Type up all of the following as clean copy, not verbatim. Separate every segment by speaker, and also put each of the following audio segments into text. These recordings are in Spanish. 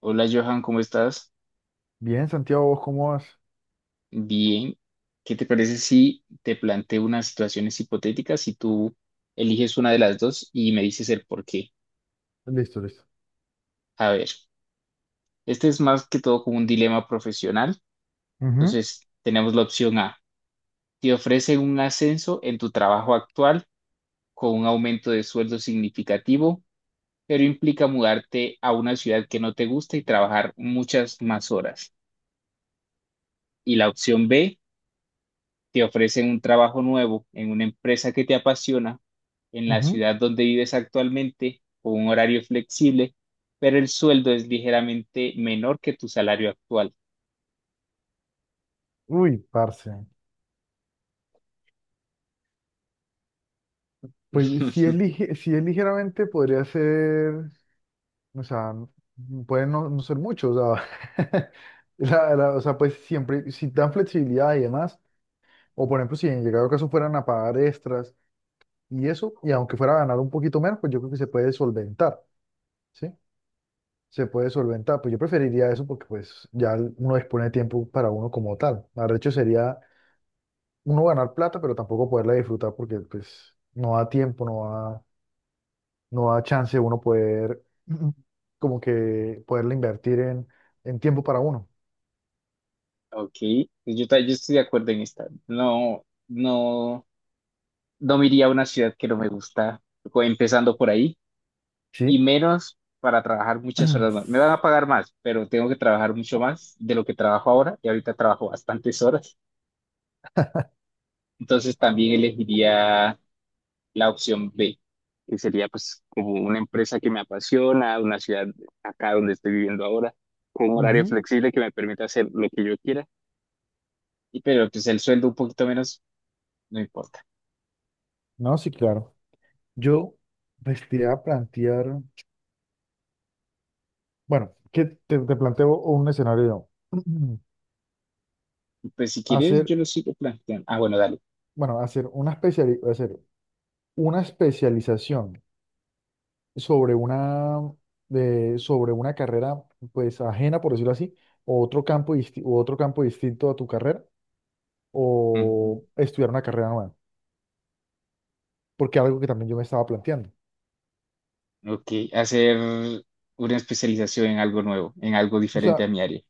Speaker 1: Hola Johan, ¿cómo estás?
Speaker 2: Bien, Santiago, ¿vos cómo vas?
Speaker 1: Bien. ¿Qué te parece si te planteo unas situaciones hipotéticas y tú eliges una de las dos y me dices el por qué?
Speaker 2: Listo, listo.
Speaker 1: A ver, este es más que todo como un dilema profesional.
Speaker 2: Ujú,
Speaker 1: Entonces, tenemos la opción A. Te ofrecen un ascenso en tu trabajo actual con un aumento de sueldo significativo, pero implica mudarte a una ciudad que no te gusta y trabajar muchas más horas. Y la opción B te ofrecen un trabajo nuevo en una empresa que te apasiona, en la
Speaker 2: ujú.
Speaker 1: ciudad donde vives actualmente, con un horario flexible, pero el sueldo es ligeramente menor que tu salario actual.
Speaker 2: Uy, parce. Pues si es ligeramente, podría ser, o sea, puede no, no ser mucho, o sea, o sea, pues siempre, si dan flexibilidad y demás, o por ejemplo, si en llegado caso fueran a pagar extras y eso, y aunque fuera a ganar un poquito menos, pues yo creo que se puede solventar, ¿sí? Se puede solventar, pues yo preferiría eso porque pues ya uno dispone de tiempo para uno como tal. Arrecho sería uno ganar plata, pero tampoco poderla disfrutar porque pues no da tiempo, da, no da chance uno poder como que poderla invertir en tiempo para uno.
Speaker 1: Ok, pues yo, yo estoy de acuerdo en esta. No, no, no me iría a una ciudad que no me gusta, empezando por ahí, y
Speaker 2: Sí.
Speaker 1: menos para trabajar muchas horas más. Me van a pagar más, pero tengo que trabajar mucho más de lo que trabajo ahora, y ahorita trabajo bastantes horas. Entonces también elegiría la opción B, que sería pues como una empresa que me apasiona, una ciudad acá donde estoy viviendo ahora, con un horario
Speaker 2: Ujú.
Speaker 1: flexible que me permita hacer lo que yo quiera, y pero pues el sueldo un poquito menos, no importa.
Speaker 2: No, sí, claro. Yo pues, te iba a plantear, bueno, que te planteo un escenario,
Speaker 1: Pues si quieres, yo
Speaker 2: hacer,
Speaker 1: lo sigo planteando. Ah, bueno, dale.
Speaker 2: bueno, hacer una especialización sobre una, sobre una carrera pues ajena, por decirlo así, o otro campo distinto a tu carrera,
Speaker 1: Ujú.
Speaker 2: o estudiar una carrera nueva, porque algo que también yo me estaba planteando.
Speaker 1: Ok, hacer una especialización en algo nuevo, en algo
Speaker 2: O
Speaker 1: diferente a
Speaker 2: sea,
Speaker 1: mi área.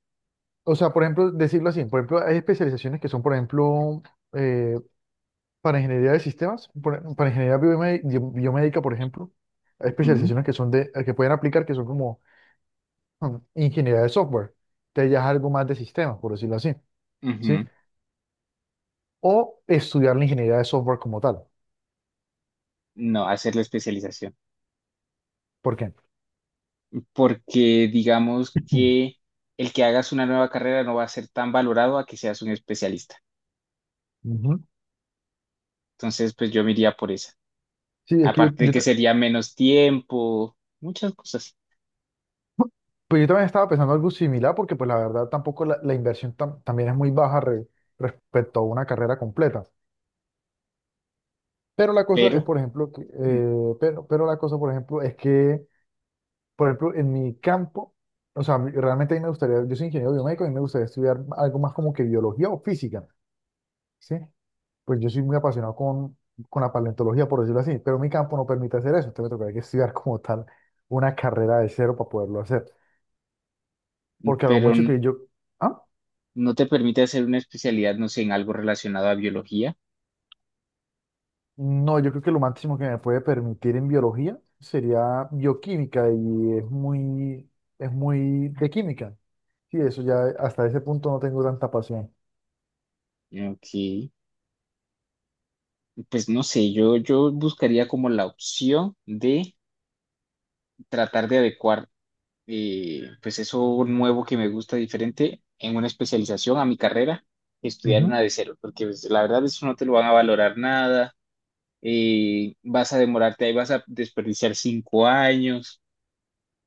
Speaker 2: o sea, por ejemplo, decirlo así, por ejemplo, hay especializaciones que son, por ejemplo, eh, para ingeniería de sistemas, para ingeniería biomédica, por ejemplo, hay
Speaker 1: Ujú.
Speaker 2: especializaciones que son de, que pueden aplicar que son como ingeniería de software, que ya es algo más de sistemas, por decirlo así. ¿Sí?
Speaker 1: Ujú.
Speaker 2: O estudiar la ingeniería de software como tal.
Speaker 1: No, hacer la especialización.
Speaker 2: ¿Por qué?
Speaker 1: Porque digamos que el que hagas una nueva carrera no va a ser tan valorado a que seas un especialista.
Speaker 2: Ujú.
Speaker 1: Entonces, pues yo me iría por esa.
Speaker 2: Sí, es que
Speaker 1: Aparte de que sería menos tiempo, muchas cosas,
Speaker 2: pues yo también estaba pensando algo similar porque pues la verdad tampoco la inversión también es muy baja respecto a una carrera completa. Pero la cosa es,
Speaker 1: pero,
Speaker 2: por ejemplo, que,
Speaker 1: mm,
Speaker 2: pero la cosa, por ejemplo, es que, por ejemplo, en mi campo, o sea, realmente a mí me gustaría, yo soy ingeniero biomédico y me gustaría estudiar algo más como que biología o física, ¿sí? Pues yo soy muy apasionado con la paleontología, por decirlo así, pero mi campo no permite hacer eso, entonces me tocaría que estudiar como tal una carrera de cero para poderlo hacer, porque a lo
Speaker 1: pero
Speaker 2: mucho que yo, ah,
Speaker 1: no te permite hacer una especialidad, no sé, en algo relacionado a biología.
Speaker 2: no, yo creo que lo máximo que me puede permitir en biología sería bioquímica y es muy de química, sí eso ya hasta ese punto no tengo tanta pasión.
Speaker 1: Ok, pues no sé, yo buscaría como la opción de tratar de adecuar, pues eso nuevo que me gusta diferente en una especialización a mi carrera, estudiar
Speaker 2: Ujú.
Speaker 1: una de cero, porque pues, la verdad eso no te lo van a valorar nada, vas a demorarte ahí, vas a desperdiciar 5 años.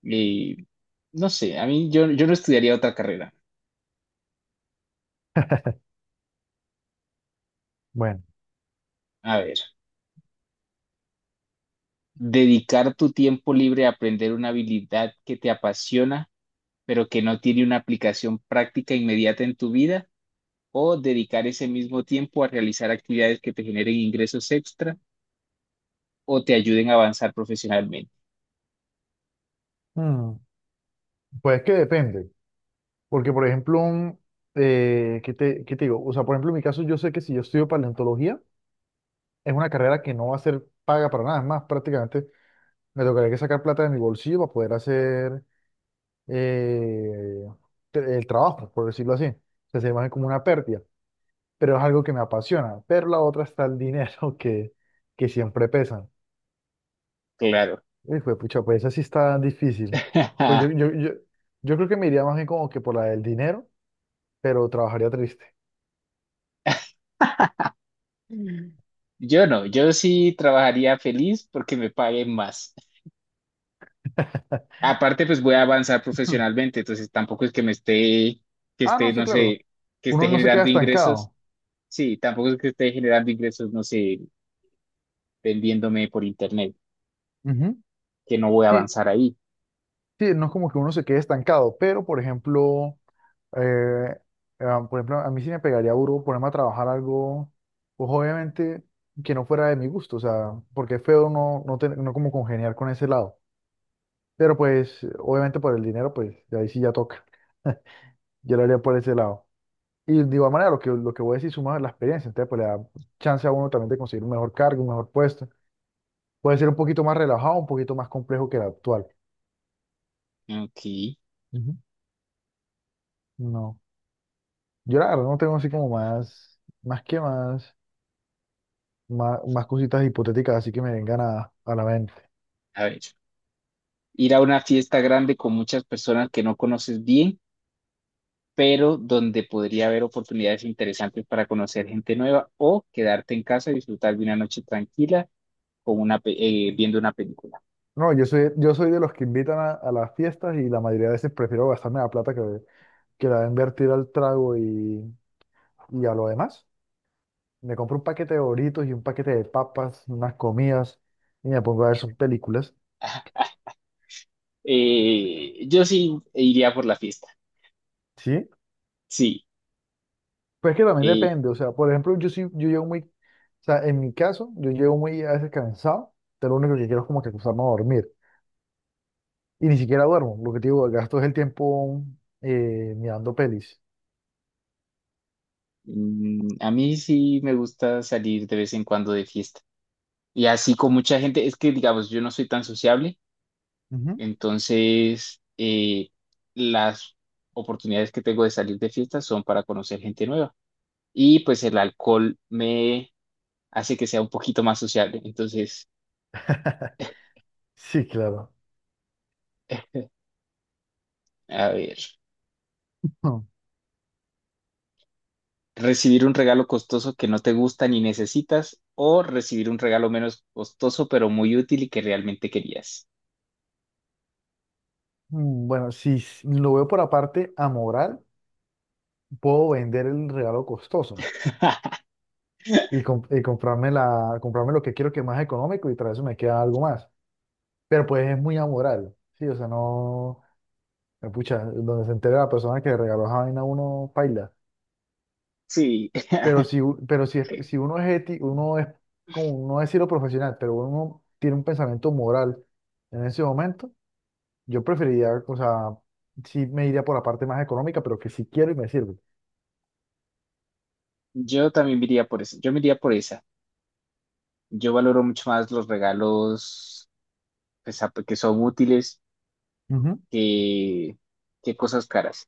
Speaker 1: Y no sé, a mí yo, yo no estudiaría otra carrera.
Speaker 2: Bueno,
Speaker 1: A ver, dedicar tu tiempo libre a aprender una habilidad que te apasiona, pero que no tiene una aplicación práctica inmediata en tu vida, o dedicar ese mismo tiempo a realizar actividades que te generen ingresos extra o te ayuden a avanzar profesionalmente.
Speaker 2: mm, pues es que depende, porque por ejemplo, ¿qué te digo? O sea, por ejemplo, en mi caso yo sé que si yo estudio paleontología, es una carrera que no va a ser paga para nada. Es más, prácticamente me tocaría que sacar plata de mi bolsillo para poder hacer eh, el trabajo, por decirlo así. O sea, se ve como una pérdida, pero es algo que me apasiona. Pero la otra está el dinero que siempre pesa.
Speaker 1: Claro.
Speaker 2: Y fue, pucha, pues esa sí está difícil. Pues yo, yo, yo, yo creo que me iría más bien como que por la del dinero, pero trabajaría triste.
Speaker 1: Yo no, yo sí trabajaría feliz porque me paguen más. Aparte, pues voy a avanzar profesionalmente, entonces tampoco es que me esté, que
Speaker 2: Ah,
Speaker 1: esté,
Speaker 2: no, sí,
Speaker 1: no
Speaker 2: claro.
Speaker 1: sé, que esté
Speaker 2: Uno no se queda
Speaker 1: generando ingresos.
Speaker 2: estancado.
Speaker 1: Sí, tampoco es que esté generando ingresos, no sé, vendiéndome por internet,
Speaker 2: Ujú.
Speaker 1: que no voy a
Speaker 2: Sí,
Speaker 1: avanzar ahí.
Speaker 2: sí, no es como que uno se quede estancado, pero por ejemplo, eh, por ejemplo, a mí sí me pegaría duro ponerme a trabajar algo, pues obviamente que no fuera de mi gusto, o sea, porque es feo no, no, no como congeniar con ese lado, pero pues obviamente por el dinero, pues de ahí sí ya toca, yo lo haría por ese lado. Y de igual manera, lo que voy a decir suma la experiencia, entonces pues le da chance a uno también de conseguir un mejor cargo, un mejor puesto, puede ser un poquito más relajado, un poquito más complejo que el actual.
Speaker 1: Ok,
Speaker 2: Ujú. No. Yo la verdad no tengo así como más, más que más, más, más cositas hipotéticas así que me vengan a la mente.
Speaker 1: a ver. Ir a una fiesta grande con muchas personas que no conoces bien, pero donde podría haber oportunidades interesantes para conocer gente nueva o quedarte en casa y disfrutar de una noche tranquila con una, viendo una película.
Speaker 2: No, yo soy de los que invitan a las fiestas y la mayoría de veces prefiero gastarme la plata que la voy a invertir al trago y a lo demás. Me compro un paquete de Doritos y un paquete de papas, unas comidas y me pongo a ver sus películas.
Speaker 1: Yo sí iría por la fiesta.
Speaker 2: ¿Sí?
Speaker 1: Sí.
Speaker 2: Pues que también
Speaker 1: Eh,
Speaker 2: depende. O sea, por ejemplo, yo sí, yo llego muy, o sea, en mi caso, yo llego muy a veces cansado, pero lo único que quiero es como que acostarme a dormir. Y ni siquiera duermo. Lo que te digo, gasto es el tiempo mirando pelis.
Speaker 1: a mí sí me gusta salir de vez en cuando de fiesta. Y así con mucha gente, es que digamos, yo no soy tan sociable,
Speaker 2: Ujú.
Speaker 1: entonces las oportunidades que tengo de salir de fiesta son para conocer gente nueva. Y pues el alcohol me hace que sea un poquito más sociable. Entonces,
Speaker 2: Sí, claro.
Speaker 1: a ver, recibir un regalo costoso que no te gusta ni necesitas o recibir un regalo menos costoso pero muy útil y que realmente querías.
Speaker 2: Mm, bueno, si lo veo por aparte amoral, puedo vender el regalo costoso y, y comprarme, comprarme lo que quiero que es más económico y tras eso me queda algo más. Pero pues es muy amoral, sí, o sea, no, pucha, donde se entere la persona que le regaló esa vaina a uno, paila.
Speaker 1: Sí.
Speaker 2: Pero si, si uno es ético, uno es, como no decirlo profesional, pero uno tiene un pensamiento moral en ese momento, yo preferiría, o sea, sí me iría por la parte más económica, pero que sí quiero y me sirve.
Speaker 1: Yo también me iría por esa. Yo me iría por esa. Yo valoro mucho más los regalos pues, que son útiles
Speaker 2: Ujú.
Speaker 1: que, que cosas caras.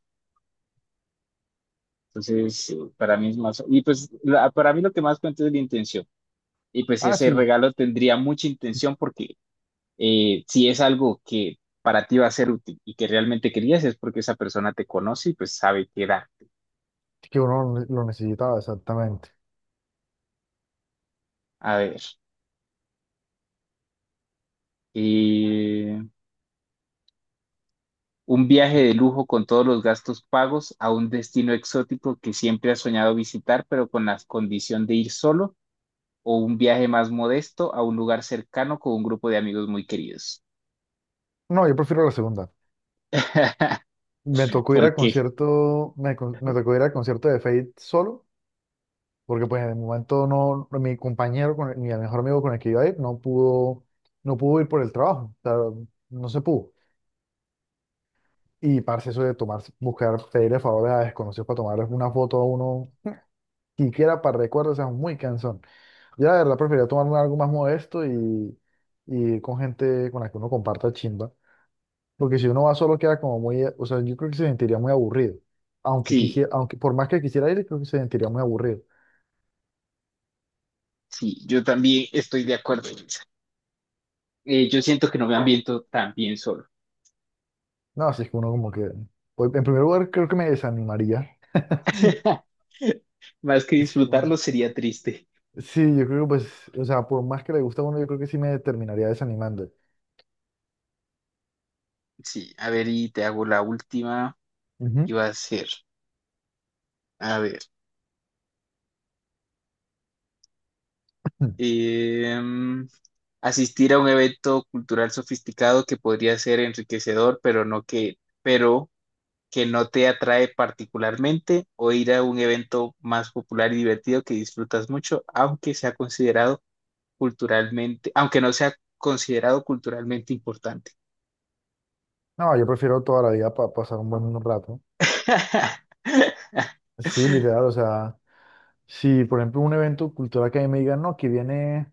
Speaker 1: Entonces, para mí es más. Y pues, para mí lo que más cuenta es la intención. Y pues,
Speaker 2: Ah,
Speaker 1: ese
Speaker 2: sí,
Speaker 1: regalo tendría mucha intención porque si es algo que para ti va a ser útil y que realmente querías, es porque esa persona te conoce y pues sabe qué darte.
Speaker 2: que uno lo necesitaba, exactamente.
Speaker 1: A ver. Un viaje de lujo con todos los gastos pagos a un destino exótico que siempre has soñado visitar, pero con la condición de ir solo, o un viaje más modesto a un lugar cercano con un grupo de amigos muy queridos.
Speaker 2: No, yo prefiero la segunda. Me tocó ir al
Speaker 1: Porque
Speaker 2: concierto, me tocó ir al concierto de Fate solo, porque pues en el momento no, mi compañero, mi mejor amigo con el que iba a ir, no pudo, no pudo ir por el trabajo, o sea, no se pudo. Y, parce, eso de tomar, buscar, pedirle favores a desconocidos para tomarles una foto a uno, siquiera para recuerdos, o sea, muy cansón. Yo la verdad preferiría tomarme algo más modesto y ir con gente con la que uno comparta chimba. Porque si uno va solo queda como muy, o sea, yo creo que se sentiría muy aburrido. Aunque
Speaker 1: sí,
Speaker 2: quisiera, aunque por más que quisiera ir, creo que se sentiría muy aburrido.
Speaker 1: sí, yo también estoy de acuerdo en eso. Yo siento que no me ambiento tan bien solo.
Speaker 2: No, así es que uno como que, pues, en primer lugar, creo que me desanimaría.
Speaker 1: Más que
Speaker 2: Sí,
Speaker 1: disfrutarlo sería triste.
Speaker 2: sí, yo creo que pues, o sea, por más que le gusta a uno, yo creo que sí me terminaría desanimando.
Speaker 1: Sí, a ver, y te hago la última y
Speaker 2: Ujú.
Speaker 1: va a ser, a ver. em, Asistir a un evento cultural sofisticado que podría ser enriquecedor, pero no que, pero que no te atrae particularmente, o ir a un evento más popular y divertido que disfrutas mucho, aunque sea considerado culturalmente, aunque no sea considerado culturalmente importante.
Speaker 2: No, yo prefiero toda la vida pasar un buen rato. Sí, literal, o sea, si por ejemplo un evento cultural que a mí me digan, no, que viene,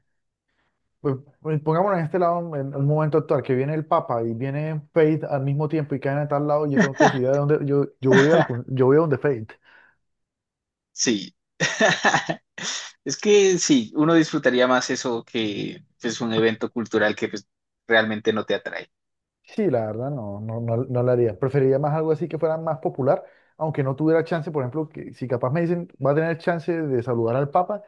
Speaker 2: pues, pues, pongámonos en este lado, en un momento actual, que viene el Papa y viene Faith al mismo tiempo y caen a tal lado, yo tengo que decidir a dónde, yo voy a donde Faith.
Speaker 1: Sí. Es que sí, uno disfrutaría más eso que es un evento cultural que pues, realmente no te atrae.
Speaker 2: Sí, la verdad, no, no, no, no lo haría. Preferiría más algo así que fuera más popular, aunque no tuviera chance, por ejemplo, que si capaz me dicen, va a tener chance de saludar al Papa,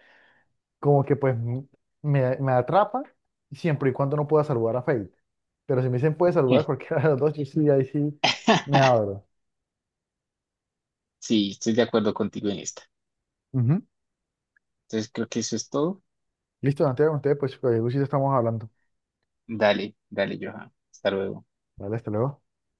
Speaker 2: como que pues me atrapa siempre y cuando no pueda saludar a Fate. Pero si me dicen puede saludar a cualquiera de los dos, yo sí, ahí sí me abro.
Speaker 1: Sí, estoy de acuerdo contigo en esta.
Speaker 2: Ujú.
Speaker 1: Entonces creo que eso es todo.
Speaker 2: Listo, Santiago, ustedes pues, estamos hablando.
Speaker 1: Dale, dale, Johan. Hasta luego.
Speaker 2: Vale, hasta luego.